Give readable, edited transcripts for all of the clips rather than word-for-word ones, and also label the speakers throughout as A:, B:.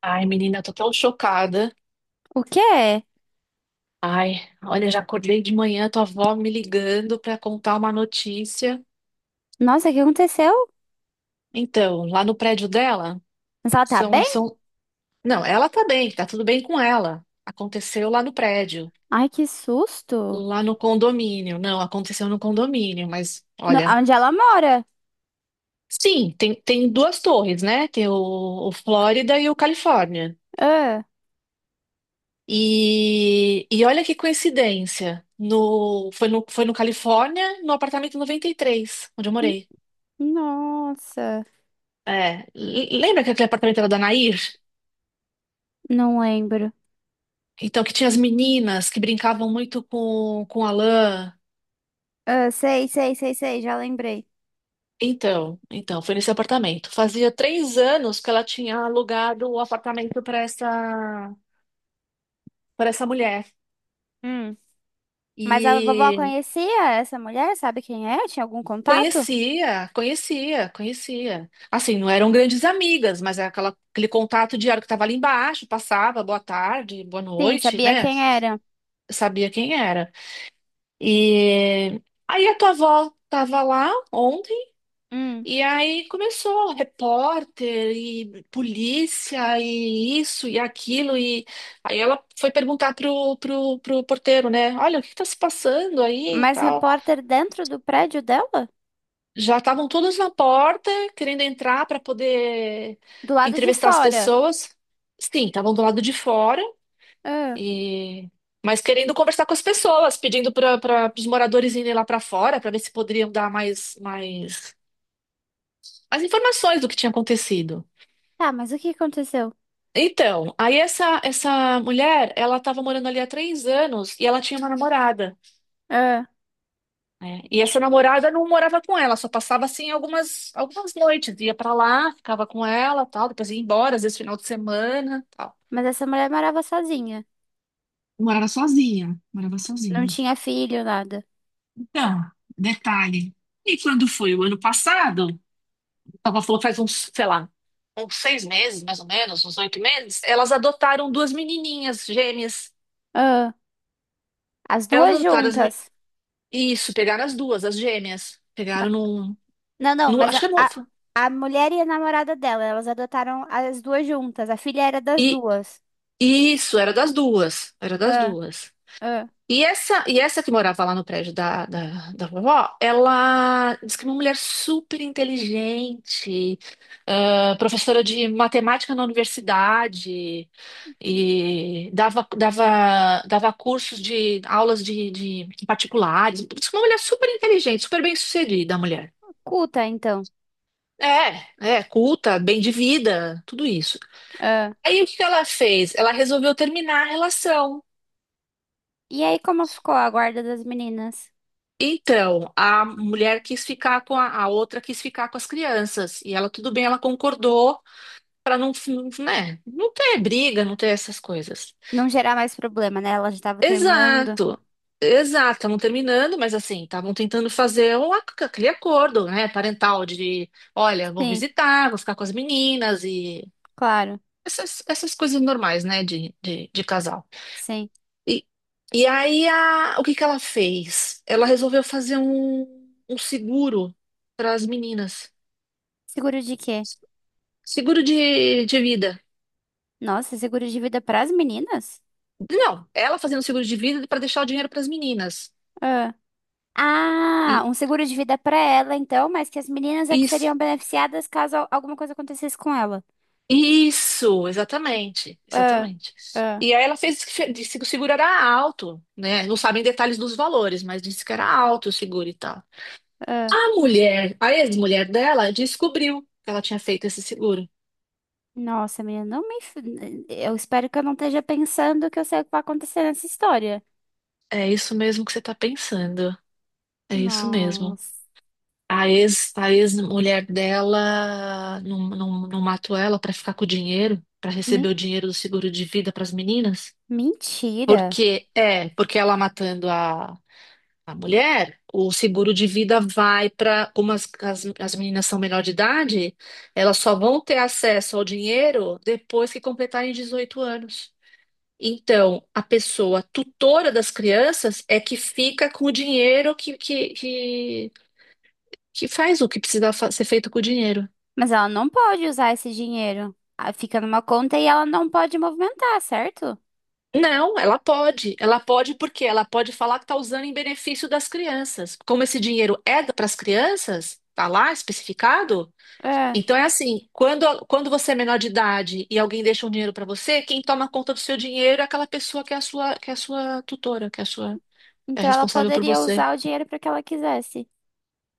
A: Ai, menina, tô tão chocada.
B: O quê?
A: Ai, olha, já acordei de manhã, tua avó me ligando pra contar uma notícia.
B: Nossa, o que aconteceu?
A: Então, lá no prédio dela,
B: Mas ela tá
A: são,
B: bem?
A: são... Não, ela tá bem, tá tudo bem com ela. Aconteceu lá no prédio,
B: Ai, que susto.
A: lá no condomínio. Não, aconteceu no condomínio, mas
B: No-
A: olha.
B: onde ela mora?
A: Sim, tem duas torres, né? Tem o Flórida e o Califórnia.
B: Ah,
A: E olha que coincidência. Foi no Califórnia, no apartamento 93, onde eu
B: n-
A: morei.
B: nossa.
A: É, lembra que aquele apartamento era da Nair?
B: Não lembro.
A: Então, que tinha as meninas que brincavam muito com a lã.
B: Ah, sei, sei, sei, sei, já lembrei.
A: Então, foi nesse apartamento. Fazia 3 anos que ela tinha alugado o apartamento para essa mulher.
B: Hum. Mas a vovó
A: E
B: conhecia essa mulher? Sabe quem é? Tinha algum contato?
A: conhecia, conhecia, conhecia. Assim, não eram grandes amigas, mas era aquele contato diário que estava ali embaixo, passava, boa tarde, boa
B: Sim,
A: noite,
B: sabia
A: né?
B: quem era.
A: Sabia quem era. E aí a tua avó estava lá ontem.
B: Hum.
A: E aí começou repórter e polícia e isso e aquilo e aí ela foi perguntar pro porteiro, né? Olha, o que está se passando aí e
B: Mas
A: tal.
B: repórter dentro do prédio dela?
A: Já estavam todos na porta querendo entrar para poder
B: Do lado de
A: entrevistar as
B: fora.
A: pessoas. Sim, estavam do lado de fora
B: Ah.
A: e mas querendo conversar com as pessoas, pedindo para os moradores irem lá para fora para ver se poderiam dar mais informações do que tinha acontecido.
B: Tá, mas o que aconteceu?
A: Então, aí essa mulher, ela estava morando ali há 3 anos e ela tinha uma namorada,
B: Ah.
A: né? E essa namorada não morava com ela, só passava assim algumas noites, ia pra lá, ficava com ela, tal, depois ia embora, às vezes final de semana, tal.
B: Mas essa mulher morava sozinha.
A: Morava sozinha, morava
B: Não
A: sozinha.
B: tinha filho, nada.
A: Então, detalhe. E quando foi o ano passado, ela falou faz uns, sei lá, uns 6 meses, mais ou menos, uns 8 meses, elas adotaram duas menininhas gêmeas.
B: Ah. As
A: Elas
B: duas
A: adotaram as.
B: juntas.
A: Isso, pegaram as duas, as gêmeas. Pegaram
B: Ma-
A: num.
B: não, não,
A: No,
B: mas
A: acho
B: a,
A: que é no,
B: a, a mulher e a namorada dela, elas adotaram as duas juntas. A filha era das
A: e
B: duas.
A: isso, era das duas. Era das
B: Ah,
A: duas.
B: ah.
A: E essa que morava lá no prédio da, da, da vovó, ela disse que é uma mulher super inteligente, professora de matemática na universidade, e dava cursos de aulas de particulares. Disse que é uma mulher super inteligente, super bem-sucedida, a mulher.
B: Culta, então.
A: É, é, culta, bem de vida, tudo isso.
B: Ah.
A: Aí o que que ela fez? Ela resolveu terminar a relação.
B: E aí, como ficou a guarda das meninas?
A: Então, a mulher quis ficar com a outra quis ficar com as crianças. E ela, tudo bem, ela concordou para não, não, né, não ter briga, não ter essas coisas.
B: Não gerar mais problema, né? Ela já tava terminando.
A: Exato, exato. Estavam terminando, mas assim, estavam tentando fazer aquele acordo, né, parental de, olha, vou
B: Sim,
A: visitar, vou ficar com as meninas e
B: claro.
A: essas coisas normais, né, de casal.
B: Sim.
A: E, e aí, o que que ela fez? Ela resolveu fazer um, seguro para as meninas.
B: Seguro de quê?
A: Seguro de vida.
B: Nossa, seguro de vida para as meninas?
A: Não, ela fazendo seguro de vida para deixar o dinheiro para as meninas.
B: Ah. Ah,
A: E,
B: um seguro de vida para ela, então, mas que as meninas é que
A: isso,
B: seriam beneficiadas caso al- alguma coisa acontecesse com ela.
A: isso, exatamente,
B: Ah,
A: exatamente.
B: ah.
A: E aí ela fez que disse que o seguro era alto, né? Não sabem detalhes dos valores, mas disse que era alto o seguro e tal.
B: Ah,
A: A mulher, a ex-mulher dela, descobriu que ela tinha feito esse seguro.
B: nossa, menina, não me. Enf- eu espero que eu não esteja pensando que eu sei o que vai acontecer nessa história.
A: É isso mesmo que você está pensando. É isso mesmo.
B: Nossa.
A: A ex-mulher dela não, não, não matou ela para ficar com o dinheiro, para receber
B: Me-
A: o dinheiro do seguro de vida para as meninas?
B: mentira.
A: Porque ela matando a mulher, o seguro de vida vai para, como as meninas são menor de idade, elas só vão ter acesso ao dinheiro depois que completarem 18 anos. Então, a pessoa tutora das crianças é que fica com o dinheiro que faz o que precisa ser feito com o dinheiro.
B: Mas ela não pode usar esse dinheiro. Ah, fica numa conta e ela não pode movimentar, certo?
A: Não, ela pode. Ela pode porque ela pode falar que está usando em benefício das crianças. Como esse dinheiro é para as crianças, tá lá especificado.
B: É.
A: Então é assim, quando você é menor de idade e alguém deixa um dinheiro para você, quem toma conta do seu dinheiro é aquela pessoa que é a sua, que é a sua tutora, que é a sua, é
B: Então ela
A: responsável por
B: poderia
A: você.
B: usar o dinheiro para que ela quisesse.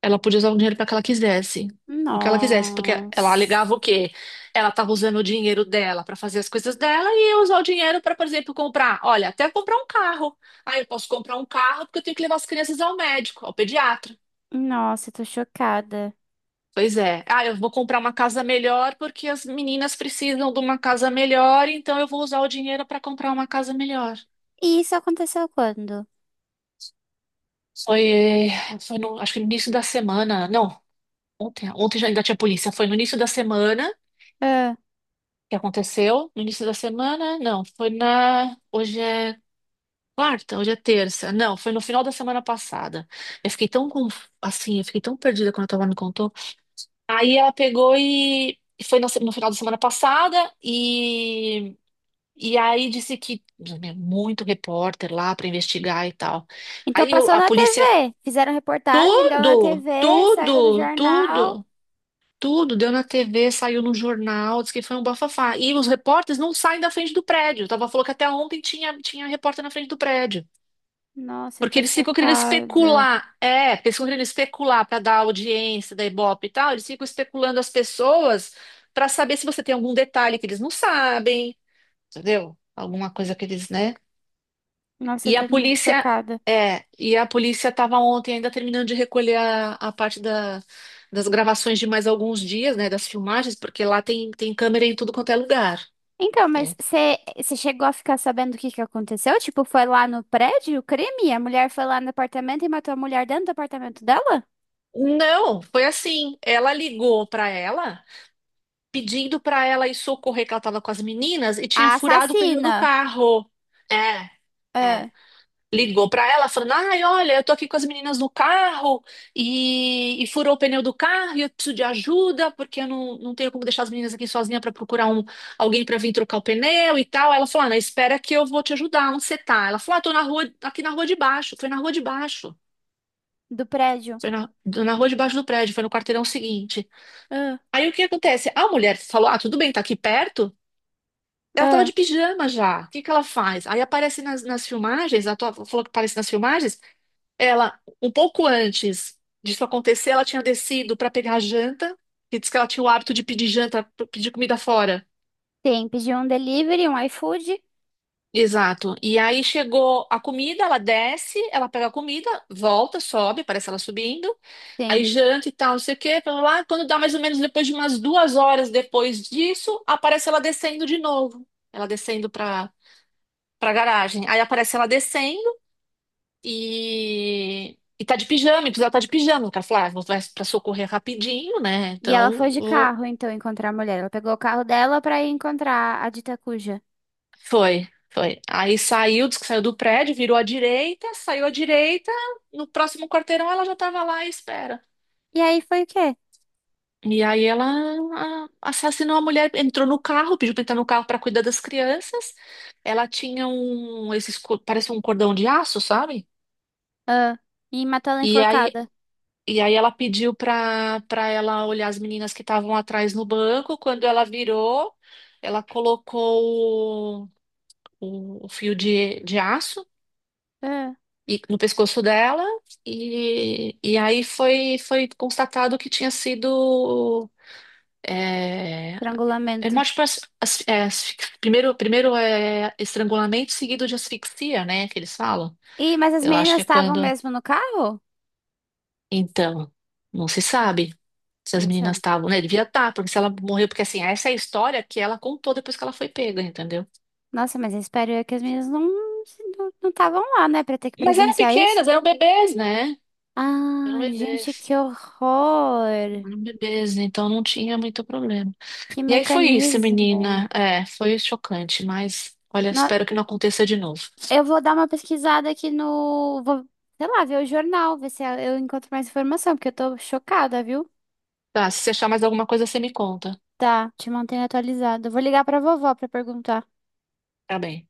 A: Ela podia usar o dinheiro para que ela quisesse. Para o que ela quisesse, porque ela
B: Nossa.
A: alegava o quê? Ela estava usando o dinheiro dela para fazer as coisas dela e eu usar o dinheiro para, por exemplo, comprar. Olha, até comprar um carro. Ah, eu posso comprar um carro porque eu tenho que levar as crianças ao médico, ao pediatra.
B: Nossa, eu tô chocada.
A: Pois é. Ah, eu vou comprar uma casa melhor porque as meninas precisam de uma casa melhor, então eu vou usar o dinheiro para comprar uma casa melhor.
B: E isso aconteceu quando?
A: Foi, foi no, acho que no início da semana. Não, ontem já ainda tinha polícia. Foi no início da semana.
B: É.
A: Que aconteceu no início da semana? Não, foi na. Hoje é quarta, hoje é terça. Não, foi no final da semana passada. Eu fiquei tão conf... assim, eu fiquei tão perdida quando a tua me contou. Aí ela pegou e foi na no final da semana passada e aí disse que meu, muito repórter lá para investigar e tal.
B: Então
A: Aí
B: passou
A: a
B: na
A: polícia
B: TV. Fizeram reportagem, deu na
A: tudo,
B: TV, saiu no
A: tudo,
B: jornal.
A: tudo. Tudo deu na TV, saiu no jornal, disse que foi um bafafá. E os repórteres não saem da frente do prédio. Tava falou que até ontem tinha, repórter na frente do prédio.
B: Nossa, eu
A: Porque
B: tô
A: eles ficam querendo
B: chocada.
A: especular. É, porque eles ficam querendo especular para dar audiência da Ibope e tal. Eles ficam especulando as pessoas para saber se você tem algum detalhe que eles não sabem, entendeu? Alguma coisa que eles, né?
B: Nossa, eu
A: E a
B: tô muito
A: polícia,
B: chocada.
A: e a polícia estava ontem ainda terminando de recolher a parte das gravações de mais alguns dias, né, das filmagens, porque lá tem câmera em tudo quanto é lugar,
B: Então, mas
A: né?
B: você chegou a ficar sabendo o que que aconteceu? Tipo, foi lá no prédio o crime? A mulher foi lá no apartamento e matou a mulher dentro do apartamento dela?
A: Não, foi assim. Ela ligou para ela, pedindo para ela ir socorrer que ela estava com as meninas e tinha
B: A
A: furado o pneu do
B: assassina,
A: carro. É, é.
B: ah,
A: Ligou pra ela falando: "Ai, olha, eu tô aqui com as meninas no carro e furou o pneu do carro e eu preciso de ajuda porque eu não tenho como deixar as meninas aqui sozinha pra procurar alguém pra vir trocar o pneu e tal." Ela falou: "Ah, não, espera que eu vou te ajudar, onde você tá?" Ela falou: "Ah, tô na rua, aqui na rua de baixo." Foi na rua de baixo.
B: do prédio.
A: Foi na rua de baixo do prédio, foi no quarteirão seguinte.
B: Ah,
A: Aí o que acontece? A mulher falou: "Ah, tudo bem, tá aqui perto." Ela tava
B: ah,
A: de pijama já. O que que ela faz? Aí aparece nas filmagens, ela falou que aparece nas filmagens. Ela, um pouco antes disso acontecer, ela tinha descido para pegar a janta, e disse que ela tinha o hábito de pedir janta, pedir comida fora.
B: sim, pediu um delivery, um iFood.
A: Exato. E aí chegou a comida, ela desce, ela pega a comida, volta, sobe, parece ela subindo,
B: Sim.
A: aí janta e tal, não sei o quê, blá, blá, blá. Quando dá mais ou menos depois de umas 2 horas depois disso, aparece ela descendo de novo. Ela descendo para garagem. Aí aparece ela descendo. E tá de pijama, e precisava tá de pijama, cara. Falei: "Ah, vai pra socorrer rapidinho, né?"
B: E ela foi
A: Então,
B: de carro, então, encontrar a mulher. Ela pegou o carro dela pra ir encontrar a dita cuja.
A: foi, foi. Aí saiu, disse que saiu do prédio, virou à direita, saiu à direita, no próximo quarteirão ela já tava lá à espera.
B: E aí foi o quê?
A: E aí ela assassinou a mulher, entrou no carro, pediu pra entrar no carro pra cuidar das crianças. Ela tinha parece um cordão de aço, sabe?
B: Ah, e matou ela
A: E aí
B: enforcada.
A: E aí ela pediu para ela olhar as meninas que estavam atrás no banco. Quando ela virou, ela colocou o fio de aço
B: Ah,
A: no pescoço dela e aí foi constatado que tinha sido é, é
B: estrangulamento.
A: mais tipo primeiro é estrangulamento seguido de asfixia, né? Que eles falam.
B: Ih, mas as
A: Eu acho que
B: meninas
A: é
B: estavam
A: quando.
B: mesmo no carro?
A: Então, não se sabe. Se as
B: Nossa,
A: meninas estavam, né? Devia estar, porque se ela morreu, porque assim, essa é a história que ela contou depois que ela foi pega, entendeu?
B: nossa, mas eu espero eu que as meninas não não estavam lá, né, pra ter que
A: Mas eram
B: presenciar isso.
A: pequenas, eram bebês, né?
B: Ah,
A: Eram
B: gente,
A: bebês.
B: que horror!
A: Eram bebês, então não tinha muito problema.
B: Que
A: E aí foi isso,
B: mecanismo!
A: menina. É, foi chocante, mas olha,
B: No-
A: espero que não aconteça de novo.
B: eu vou dar uma pesquisada aqui no, vou, sei lá, ver o jornal, ver se eu encontro mais informação, porque eu tô chocada, viu?
A: Tá, se você achar mais alguma coisa, você me conta.
B: Tá, te mantenho atualizada. Vou ligar pra vovó pra perguntar.
A: Tá bem.